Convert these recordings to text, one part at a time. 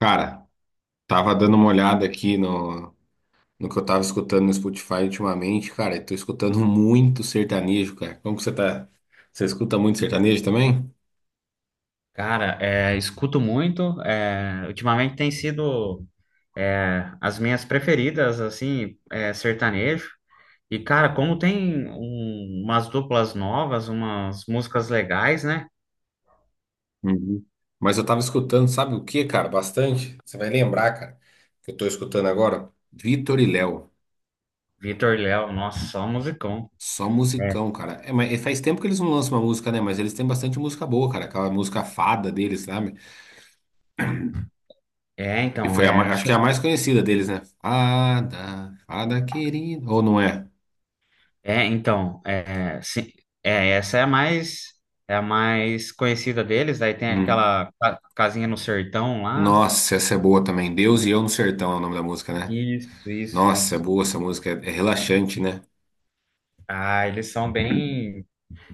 Cara, tava dando uma olhada aqui no que eu tava escutando no Spotify ultimamente, cara, e tô escutando muito sertanejo, cara. Como que você tá? Você escuta muito sertanejo também? Cara, escuto muito. Ultimamente tem sido as minhas preferidas, assim, sertanejo. E, cara, como tem umas duplas novas, umas músicas legais, né? Uhum. Mas eu tava escutando, sabe o que, cara? Bastante. Você vai lembrar, cara, que eu tô escutando agora? Vitor e Léo. Vitor e Léo, nossa, só musicão. Só É, musicão, cara. É, mas e faz tempo que eles não lançam uma música, né? Mas eles têm bastante música boa, cara. Aquela música Fada deles, sabe? é, Que então, foi a é, mais, acho que é a mais conhecida deles, né? Fada, Fada querida. Ou não é? Sim, essa é é a mais conhecida deles. Daí tem Hum. aquela casinha no sertão lá. Nossa, essa é boa também. Deus e Eu no Sertão é o nome da música, né? Isso, isso, Nossa, é isso. boa essa música. É, é relaxante, né? Ah, eles são bem.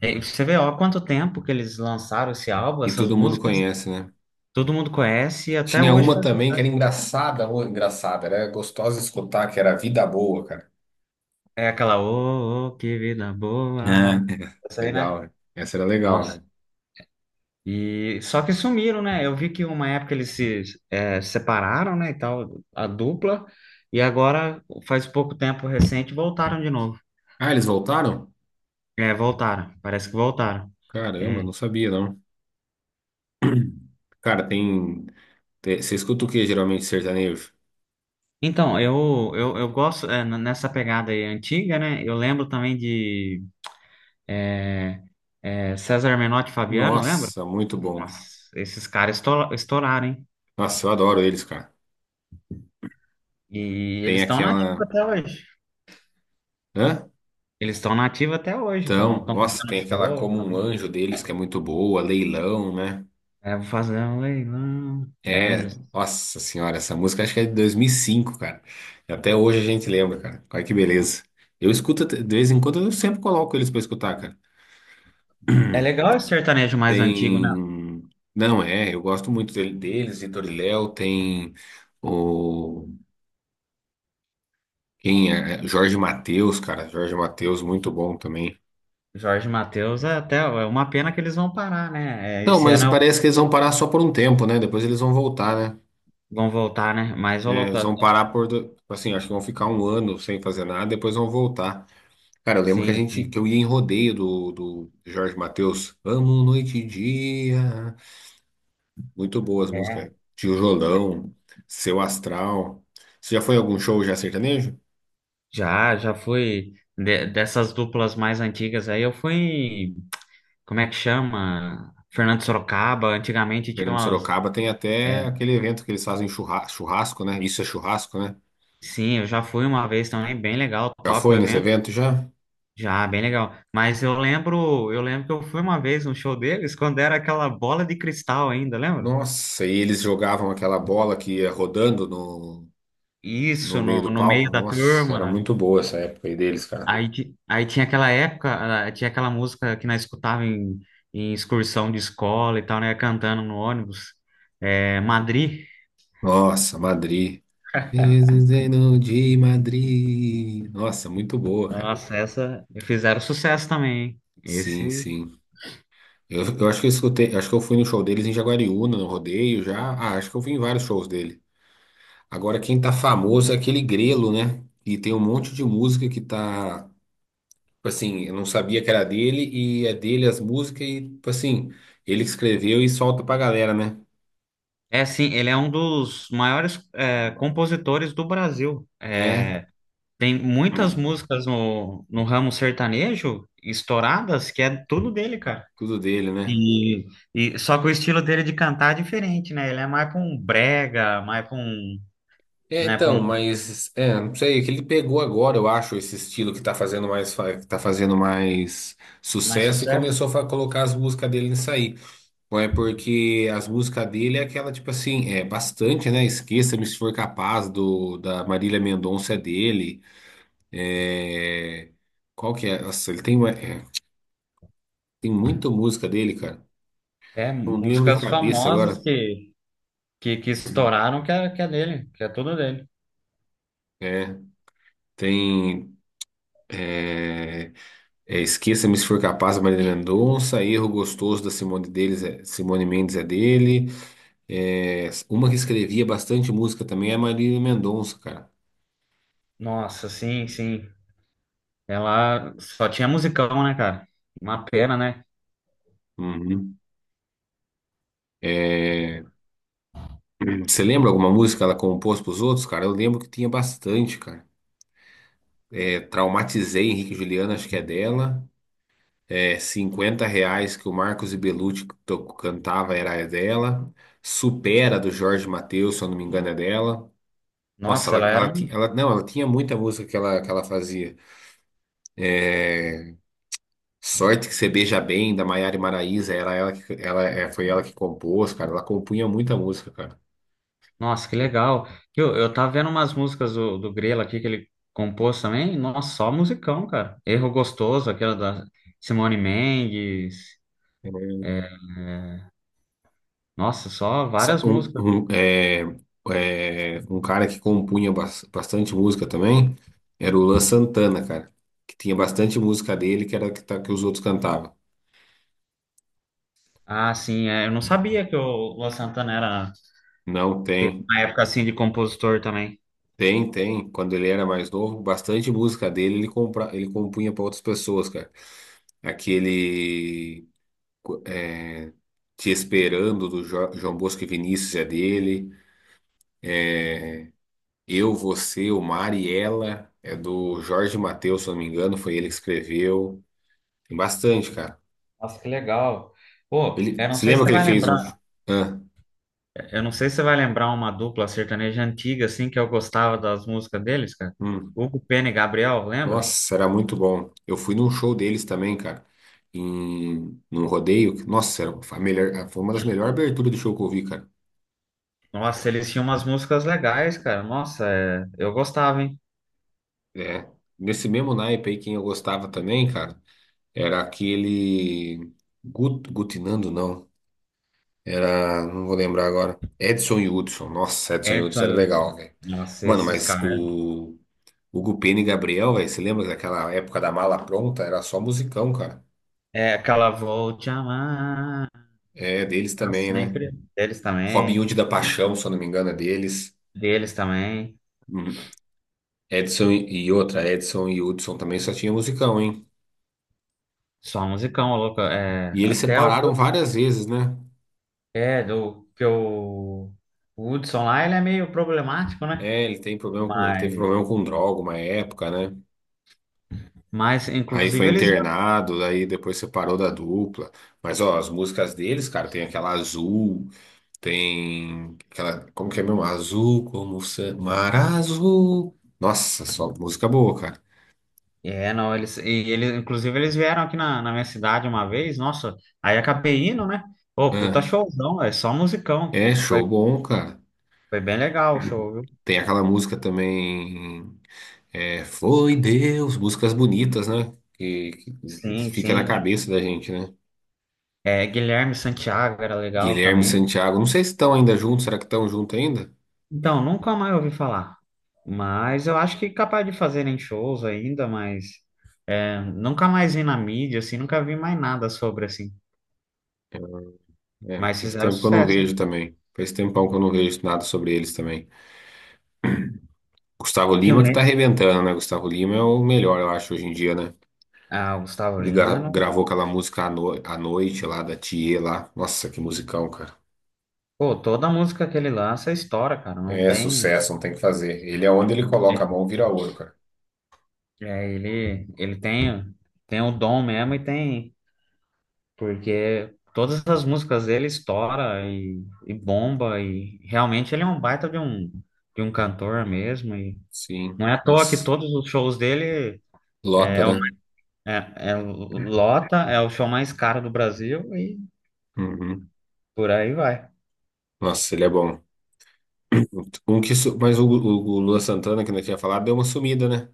É, e você vê, ó, há quanto tempo que eles lançaram esse álbum, E essas todo mundo músicas, conhece, né? todo mundo conhece e até Tinha hoje uma faz também que era sucesso. engraçada, ou engraçada, era gostosa de escutar, que era Vida Boa, cara. É aquela, ô, ô, que vida boa. É. Essa aí, né? Legal, né? Essa era legal, Nossa. né? E só que sumiram, né? Eu vi que uma época eles se separaram, né, e tal, a dupla, e agora, faz pouco tempo recente, voltaram de novo. Ah, eles voltaram? É, voltaram, parece que voltaram. Caramba, É. não sabia, não. Cara, tem. Você escuta o que geralmente sertanejo? Então, eu gosto nessa pegada aí antiga, né? Eu lembro também de César Menotti e Fabiano, lembra? Nossa, muito bom. Nossa, esses caras estouraram, hein? Nossa, eu adoro eles, cara. E eles Tem estão na ativa aquela. até hoje. Hã? Eles estão na ativa até hoje, estão Então, estão nossa, tem fazendo aquela show, Como um tão, Anjo deles que é muito boa, Leilão, né? é, vou fazer um leilão. É, É, eles- nossa senhora, essa música acho que é de 2005, cara. Até hoje a gente lembra, cara. Olha que beleza. Eu escuto, de vez em quando eu sempre coloco eles pra escutar, cara. é legal esse sertanejo mais antigo, né? Tem. Não, é, eu gosto muito deles, Vitor e Léo, tem o. Quem é? É, Jorge Mateus, cara. Jorge Mateus, muito bom também. Jorge Mateus é até uma pena que eles vão parar, né? É, Não, esse mas ano é o- parece que eles vão parar só por um tempo, né? Depois eles vão voltar, né? vão voltar, né? Mas ô louco, Eles vão parar por, tipo assim, acho que vão ficar um ano sem fazer nada, depois vão voltar. Cara, eu lembro que a sim, gente, sim. que eu ia em rodeio do, do Jorge Mateus. Amo noite e dia. Muito boas É, músicas. Tijolão, Seu Astral. Você já foi a algum show já sertanejo? já, já fui dessas duplas mais antigas aí, eu fui, em- como é que chama? Fernando Sorocaba, antigamente tinha Fernando umas Sorocaba tem é, até aquele evento que eles fazem churrasco, né? Isso é churrasco, né? sim, eu já fui uma vez também, bem legal, Já top o foi nesse evento. evento já? Já, bem legal. Mas eu lembro que eu fui uma vez no show deles quando era aquela bola de cristal ainda, lembra? Nossa, e eles jogavam aquela bola que ia rodando no, no Isso, meio no, do no meio palco. da Nossa, era turma. muito boa essa época aí deles, cara. Aí, ti- aí tinha aquela época, ah, tinha aquela música que nós escutava em, em excursão de escola e tal, né? Cantando no ônibus. É, Madrid. Nossa, Madrid. Desenho de Madrid. Nossa, muito boa, cara. Nossa, essa fizeram sucesso também, hein? Sim, Esse. sim. Eu acho que eu escutei, acho que eu fui no show deles em Jaguariúna, no rodeio já. Ah, acho que eu fui em vários shows dele. Agora, quem tá famoso é aquele Grelo, né? E tem um monte de música que tá, tipo assim, eu não sabia que era dele e é dele as músicas e, tipo assim, ele que escreveu e solta pra galera, né? É sim, ele é um dos maiores compositores do Brasil. É, É, tem muitas hum, músicas no, no ramo sertanejo estouradas que é tudo dele, cara. tudo dele, né? E, e só que o estilo dele de cantar é diferente, né? Ele é mais pra um brega, mais pra um, É, né, pra então, um mas é, não sei, é que ele pegou agora, eu acho, esse estilo que tá fazendo mais, que tá fazendo mais mais sucesso e sucesso. começou a colocar as músicas dele nisso aí. Ou é porque as músicas dele é aquela, tipo assim, é bastante, né? Esqueça-me se for capaz do da Marília Mendonça é dele. É, qual que é? Nossa, ele tem, é, tem muita música dele, cara. É, Não lembro de músicas cabeça famosas agora. Que estouraram que é dele, que é tudo dele. É, tem. é, É, Esqueça-me se for capaz, da Marília Mendonça. Erro Gostoso da Simone deles, Simone Mendes é dele. É, uma que escrevia bastante música também é a Marília Mendonça, cara. Nossa, sim, sim. Ela só tinha musicão, né, cara? Uma pena, né? Uhum. É, você lembra alguma música que ela compôs para os outros, cara? Eu lembro que tinha bastante, cara. É, Traumatizei Henrique e Juliana, acho que é dela. É, R$ 50 que o Marcos e Belucci cantava era dela. Supera do Jorge Mateus, se eu não me engano, é dela. Nossa, Nossa, ela era. Um, ela, não, ela tinha muita música que ela fazia. É, Sorte que você beija bem, da Maiara e Maraíza, era ela que, ela, é, foi ela que compôs, cara. Ela compunha muita música, cara. nossa, que legal. Viu, eu tava vendo umas músicas do, do Grelo aqui que ele compôs também. Nossa, só musicão, cara. Erro Gostoso, aquela da Simone Mendes. É, É, nossa, só sa- várias Um, músicas. um, é, um cara que compunha bastante música também era o Luan Santana, cara. Que tinha bastante música dele que era que, que os outros cantavam. Ah, sim, é, eu não sabia que o Luan Santana era, Não teve tem. uma época assim de compositor também. Tem, tem. Quando ele era mais novo, bastante música dele ele, compra, ele compunha para outras pessoas, cara. Aquele. É, Te Esperando, do João Bosco e Vinícius, é dele. É, Eu, Você, o Mar e Ela, é do Jorge Mateus, se eu não me engano, foi ele que escreveu. Tem bastante, cara. Nossa, que legal. Pô, Ele... eu não Você sei se lembra você que ele vai fez um... lembrar, Ah, eu não sei se você vai lembrar uma dupla sertaneja antiga assim que eu gostava das músicas deles, cara. hum. Hugo Pena e Gabriel, lembra? Nossa, era muito bom. Eu fui num show deles também, cara. Em... Num rodeio. Nossa, era... foi a melhor... foi uma das melhores aberturas de show que eu vi, cara. Nossa, eles tinham umas músicas legais, cara. Nossa, é, eu gostava, hein? É. Nesse mesmo naipe aí, quem eu gostava também, cara. Era aquele. Gutinando, não. Era. Não vou lembrar agora. Edson e Hudson. Nossa, Edson e Edson, Hudson era eu... legal, velho. nossa, Mano, esses mas caras. o. Hugo Pena e Gabriel, velho. Você lembra daquela época da mala pronta? Era só musicão, cara. É aquela Vou Te Amar É, deles pra também, né? sempre. Deles Robin também. Hood da Paixão, se eu não me engano, é deles. Deles também. Uhum. Edson e outra, Edson e Hudson também só tinha musicão, hein? Só musicão, louco. É, E eles até o. separaram várias vezes, né? É, do que o Hudson lá, ele é meio problemático, né? É, ele tem problema com, ele teve Mas, problema com droga uma época, né? mas Aí foi inclusive, eles internado, aí depois separou da dupla. Mas ó, as músicas deles, cara, tem aquela azul, tem aquela, como que é mesmo? Azul como mar azul. Nossa, só música boa, cara. é, não, eles, e ele, inclusive eles vieram aqui na, na minha cidade uma vez, nossa, aí acabei indo, né? Pô, puta Ah, showzão, é só musicão. é Foi, show bom, cara. foi bem legal o show, viu? Tem aquela música também, é, Foi Deus, músicas bonitas, né? Que Sim, fica na sim. cabeça da gente, né? É, Guilherme Santiago era legal Guilherme e também. Santiago, não sei se estão ainda juntos, será que estão juntos ainda? Então, nunca mais ouvi falar. Mas eu acho que capaz de fazerem shows ainda, mas é, nunca mais vi na mídia, assim, nunca vi mais nada sobre, assim. É, Mas faz fizeram tempo que eu não sucesso. Né? vejo também. Faz tempão que eu não vejo nada sobre eles também. Gustavo Rio Lima que tá Ne- arrebentando, né? Gustavo Lima é o melhor, eu acho, hoje em dia, né? ah, o Gustavo Ele Lima, não... gravou aquela música à, à noite lá, da Thier lá. Nossa, que musicão, cara. pô, toda música que ele lança é estoura, cara, não É tem. sucesso, não tem o que fazer. Ele é onde ele coloca a mão, vira ouro, cara. Ele tem, tem o dom mesmo e tem, porque todas as músicas dele estoura e bomba e realmente ele é um baita de um cantor mesmo e Sim, não é à toa que nossa. todos os shows dele é, Lota, é o- né? é, é o- lota, é o show mais caro do Brasil e Uhum. por aí vai. Nossa, ele é bom. Um que, mas o Luan Santana, que não tinha falado, deu uma sumida, né?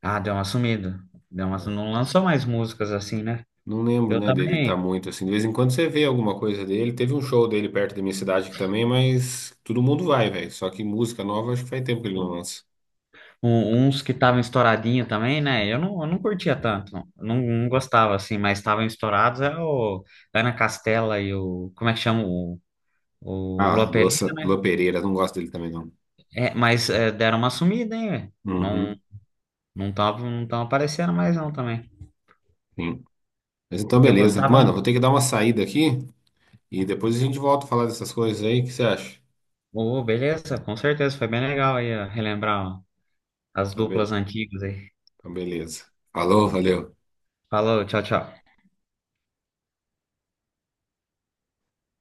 Ah, deu uma sumida, deu uma, su- não lançou mais músicas assim, né? Não lembro, Eu né, dele tá também muito assim. De vez em quando você vê alguma coisa dele. Teve um show dele perto da minha cidade aqui também, mas todo mundo vai, velho. Só que música nova, acho que faz tempo que ele não lança. um- uns que estavam estouradinho também, né? Eu não curtia tanto, não gostava assim, mas estavam estourados. É o Ana Castela e o. Como é que chama? O Ah, Lopelino, né? Lua Pereira, não gosto dele também, não. É, mas é, deram uma sumida, hein, velho? Não Uhum, não estavam não tavam aparecendo mais, não também. sim. Mas então, Eu beleza. gostava. Mano, eu vou ter que dar uma saída aqui e depois a gente volta a falar dessas coisas aí. O que você acha? Ô, beleza, com certeza, foi bem legal aí ó, relembrar ó, as Então, duplas antigas aí. então beleza. Falou, valeu. Falou, tchau, tchau.